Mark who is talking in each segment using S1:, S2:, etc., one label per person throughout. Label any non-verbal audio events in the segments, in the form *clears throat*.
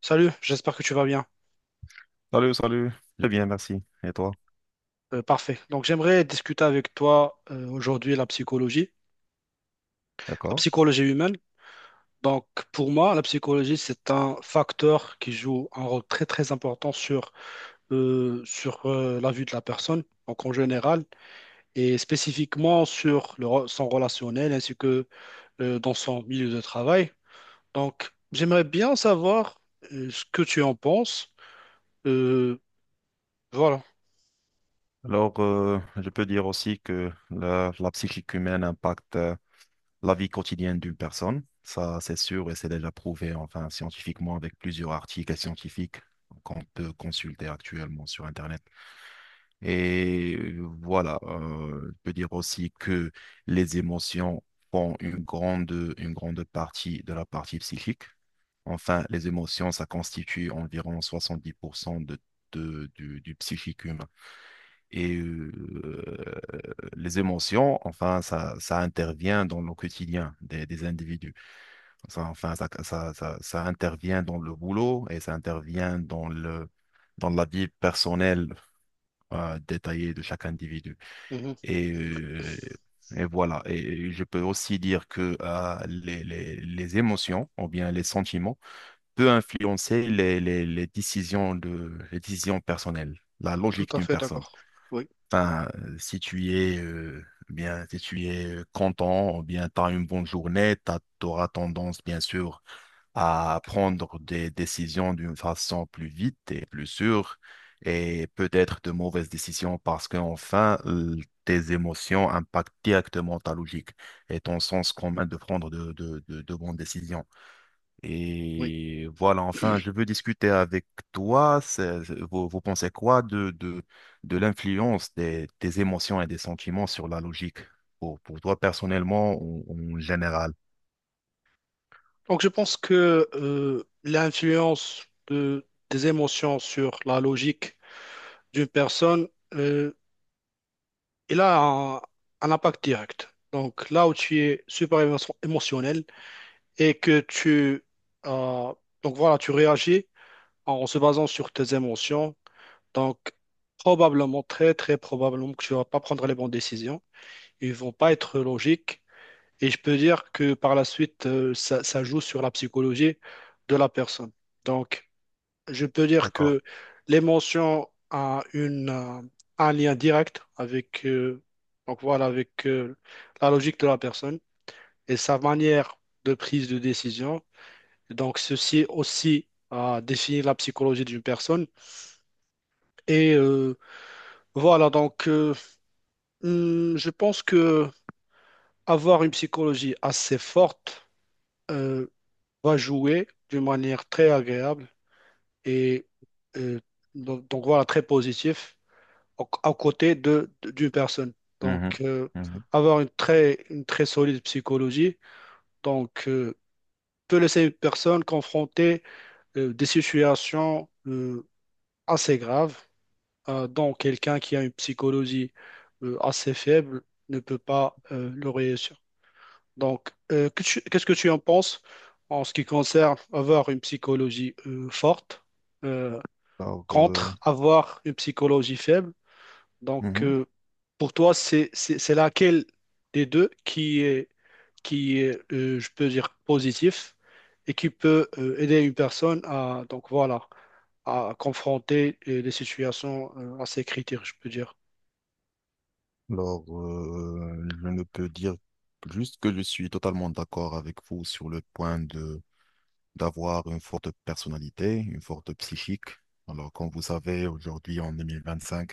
S1: Salut, j'espère que tu vas bien.
S2: Salut, salut. Très bien, merci. Et toi?
S1: Parfait. Donc, j'aimerais discuter avec toi aujourd'hui la
S2: D'accord?
S1: psychologie humaine. Donc, pour moi, la psychologie, c'est un facteur qui joue un rôle très, très important sur la vie de la personne, donc en général, et spécifiquement sur son relationnel ainsi que dans son milieu de travail. Donc, j'aimerais bien savoir ce que tu en penses. Euh, voilà.
S2: Alors, je peux dire aussi que la psychique humaine impacte la vie quotidienne d'une personne. Ça, c'est sûr et c'est déjà prouvé, enfin, scientifiquement, avec plusieurs articles scientifiques qu'on peut consulter actuellement sur Internet. Et voilà, je peux dire aussi que les émotions font une grande partie de la partie psychique. Enfin, les émotions, ça constitue environ 70% du psychique humain. Et les émotions, enfin, ça intervient dans le quotidien des individus. Ça, enfin, ça intervient dans le boulot et ça intervient dans le, dans la vie personnelle détaillée de chaque individu.
S1: Mhm.
S2: Et, euh, et voilà. Et je peux aussi dire que les émotions, ou bien les sentiments, peut influencer les décisions les décisions personnelles, la
S1: Tout
S2: logique
S1: à
S2: d'une
S1: fait
S2: personne.
S1: d'accord. Oui.
S2: Enfin, si tu es content, ou bien tu as une bonne journée, tu auras tendance, bien sûr, à prendre des décisions d'une façon plus vite et plus sûre, et peut-être de mauvaises décisions parce qu'enfin, tes émotions impactent directement ta logique et ton sens commun de prendre de bonnes décisions.
S1: Oui.
S2: Et voilà, enfin, je veux discuter avec toi. Vous, vous pensez quoi de l'influence des émotions et des sentiments sur la logique, pour toi personnellement ou en général?
S1: Donc, je pense que l'influence des émotions sur la logique d'une personne, euh, il a un impact direct. Donc, là où tu es super émotionnel et que tu, euh, tu réagis en se basant sur tes émotions. Donc, probablement, très, très probablement que tu ne vas pas prendre les bonnes décisions. Ils ne vont pas être logiques. Et je peux dire que par la suite, ça joue sur la psychologie de la personne. Donc, je peux dire que l'émotion a un lien direct avec la logique de la personne et sa manière de prise de décision. Donc, ceci aussi a défini la psychologie d'une personne. Et euh, voilà, donc, euh, je pense que avoir une psychologie assez forte euh, va jouer d'une manière très agréable et euh, très positif à côté d'une personne. Donc,
S2: Mhm,
S1: euh,
S2: mhm.
S1: Avoir une très solide psychologie, donc, euh, peut laisser une personne confrontée des situations assez graves. Donc, quelqu'un qui a une psychologie assez faible ne peut pas le réussir. Donc, qu'est-ce que tu en penses en ce qui concerne avoir une psychologie forte euh,
S2: Alors,
S1: contre avoir une psychologie faible? Donc,
S2: mhm.
S1: euh, pour toi, c'est laquelle des deux qui est, je peux dire, positif et qui peut aider une personne à, à confronter les situations à ces critères, je peux dire.
S2: Alors, je ne peux dire juste que je suis totalement d'accord avec vous sur le point d'avoir une forte personnalité, une forte psychique. Alors, comme vous savez, aujourd'hui, en 2025,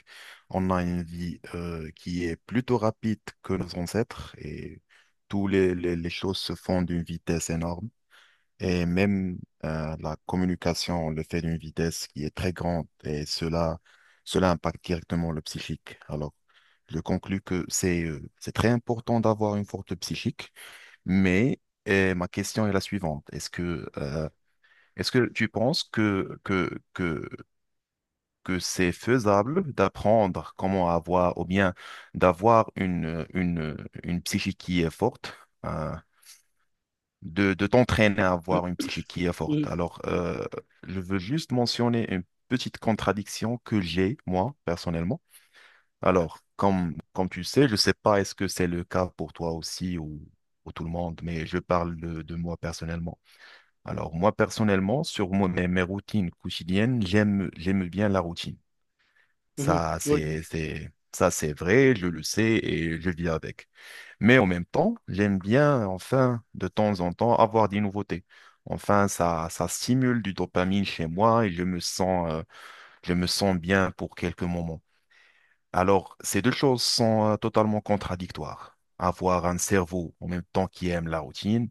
S2: on a une vie qui est plutôt rapide que nos ancêtres et toutes les choses se font d'une vitesse énorme. Et même la communication, on le fait d'une vitesse qui est très grande et cela, cela impacte directement le psychique. Alors, je conclus que c'est très important d'avoir une forte psychique, mais et ma question est la suivante. Est-ce que tu penses que c'est faisable d'apprendre comment avoir, ou bien d'avoir une psychique qui est forte, hein, de t'entraîner à avoir une psychique qui est
S1: Mhm,
S2: forte? Alors, je veux juste mentionner une petite contradiction que j'ai, moi, personnellement. Alors, comme tu sais, je ne sais pas est-ce que c'est le cas pour toi aussi ou pour tout le monde, mais je parle de moi personnellement. Alors moi personnellement, sur mes routines quotidiennes, j'aime bien la routine.
S1: mhm,
S2: Ça
S1: oui,
S2: c'est c'est ça c'est vrai, je le sais et je vis avec. Mais en même temps, j'aime bien enfin de temps en temps avoir des nouveautés. Enfin ça stimule du dopamine chez moi et je me sens bien pour quelques moments. Alors ces deux choses sont totalement contradictoires. Avoir un cerveau en même temps qui aime la routine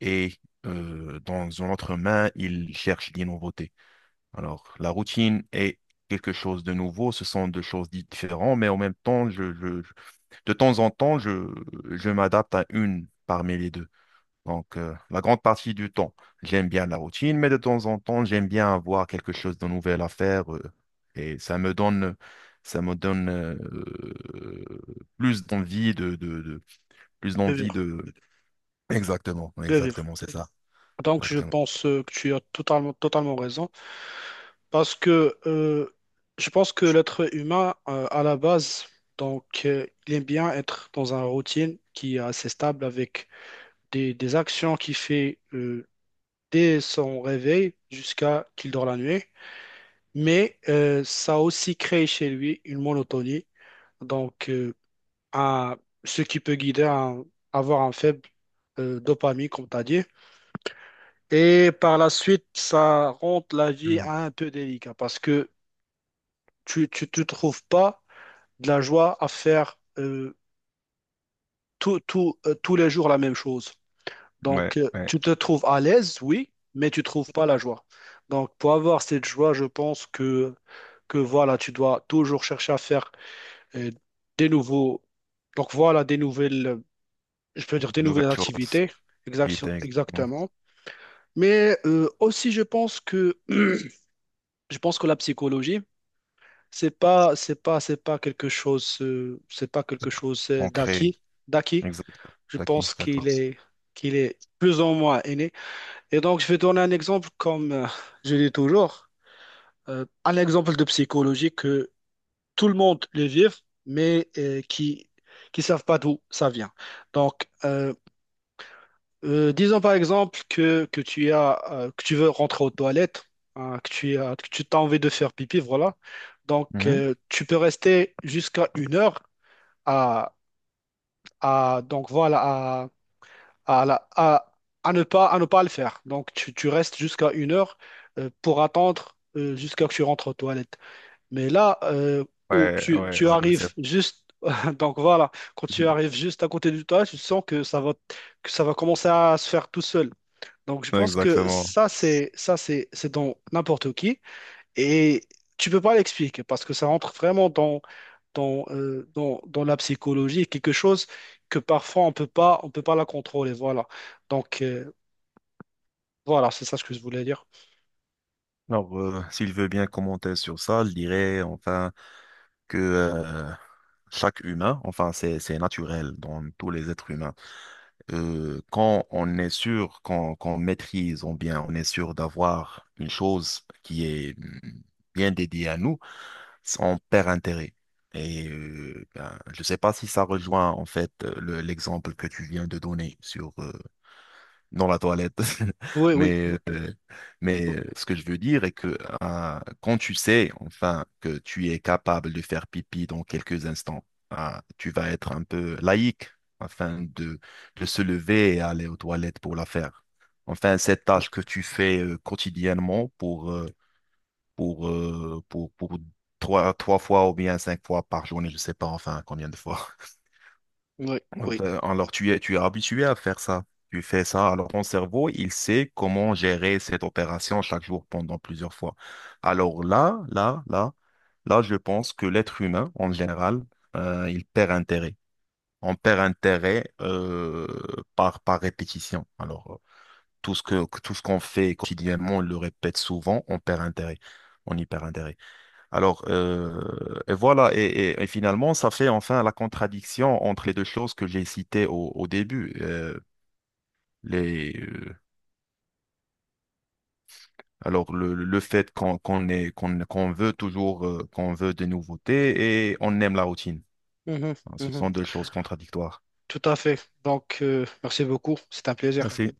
S2: et dans une autre main, il cherche des nouveautés. Alors, la routine est quelque chose de nouveau, ce sont deux choses différentes, mais en même temps, de temps en temps, je m'adapte à une parmi les deux. Donc, la grande partie du temps, j'aime bien la routine, mais de temps en temps, j'aime bien avoir quelque chose de nouvel à faire, et ça me donne plus d'envie plus
S1: de
S2: d'envie
S1: vivre,
S2: de. Exactement,
S1: de vivre.
S2: exactement, c'est ça,
S1: Donc, je
S2: exactement.
S1: pense que tu as totalement, totalement raison parce que je pense que l'être humain, à la base, il aime bien être dans une routine qui est assez stable avec des actions qu'il fait dès son réveil jusqu'à qu'il dort la nuit. Mais ça a aussi créé chez lui une monotonie, donc euh, un- ce qui peut guider à avoir un faible dopamine, comme tu as dit. Et par la suite, ça rend la vie
S2: Mhm.
S1: un peu délicate parce que tu te trouves pas de la joie à faire tous les jours la même chose. Donc,
S2: Ouais, ouais,
S1: tu te trouves à l'aise, oui, mais tu trouves pas la joie. Donc, pour avoir cette joie, je pense que tu dois toujours chercher à faire euh, des nouveaux, donc voilà, des nouvelles, je peux dire des
S2: de nouvelles
S1: nouvelles
S2: choses
S1: activités,
S2: qui étaient exactement
S1: exactement. Mais aussi, je pense que, *clears throat* je pense que la psychologie, c'est pas, c'est pas, c'est pas quelque chose, c'est pas quelque chose
S2: ancrées.
S1: d'acquis.
S2: Exact.
S1: Je
S2: Daki,
S1: pense
S2: d'accord.
S1: qu'il est plus ou moins inné. Et donc, je vais donner un exemple, comme je dis toujours, un exemple de psychologie que tout le monde le vit, mais qui savent pas d'où ça vient. Donc, disons par exemple que tu as, que tu veux rentrer aux toilettes, hein, que tu t'as envie de faire pipi, voilà. Donc,
S2: Mhm.
S1: tu peux rester jusqu'à une heure à, à donc voilà à, la- à, à ne pas le faire. Donc, tu restes jusqu'à une heure pour attendre jusqu'à que tu rentres aux toilettes. Mais là
S2: Ouais, ouais,
S1: tu
S2: ouais, ouais,
S1: arrives juste, *laughs* quand tu
S2: *laughs*
S1: arrives juste à côté du toilette, tu sens que ça va commencer à se faire tout seul. Donc, je
S2: Non,
S1: pense que
S2: exactement.
S1: c'est dans n'importe qui. Et tu peux pas l'expliquer parce que ça rentre vraiment dans la psychologie, quelque chose que parfois on peut pas la contrôler. Voilà. Donc euh, voilà, c'est ça ce que je voulais dire.
S2: Alors, s'il veut bien commenter sur ça, je dirais enfin que chaque humain, enfin c'est naturel dans tous les êtres humains. Quand on est sûr qu'on maîtrise, on bien, on est sûr d'avoir une chose qui est bien dédiée à nous, on perd intérêt. Et ben, je ne sais pas si ça rejoint en fait l'exemple que tu viens de donner sur dans la toilette.
S1: Oui,
S2: *laughs*
S1: oui.
S2: Mais, mais ce que je veux dire est que hein, quand tu sais enfin que tu es capable de faire pipi dans quelques instants, hein, tu vas être un peu laïque afin de se lever et aller aux toilettes pour la faire. Enfin, cette
S1: Mhm.
S2: tâche que tu fais quotidiennement pour trois, trois fois ou bien cinq fois par journée, je ne sais pas enfin combien de fois.
S1: Oui,
S2: Euh,
S1: oui.
S2: ben, Alors, tu es habitué à faire ça. Tu fais ça. Alors, ton cerveau, il sait comment gérer cette opération chaque jour pendant plusieurs fois. Alors là, je pense que l'être humain, en général, il perd intérêt. On perd intérêt par répétition. Alors, tout ce qu'on fait quotidiennement, on le répète souvent, on perd intérêt. On y perd intérêt. Alors, et voilà, et finalement, ça fait enfin la contradiction entre les deux choses que j'ai citées au début. Les, euh, alors, le fait qu'on veut toujours, qu'on veut des nouveautés et on aime la routine.
S1: Mhm,
S2: Ce
S1: mhm.
S2: sont deux choses contradictoires.
S1: Tout à fait. Donc merci beaucoup. C'est un plaisir.
S2: Merci.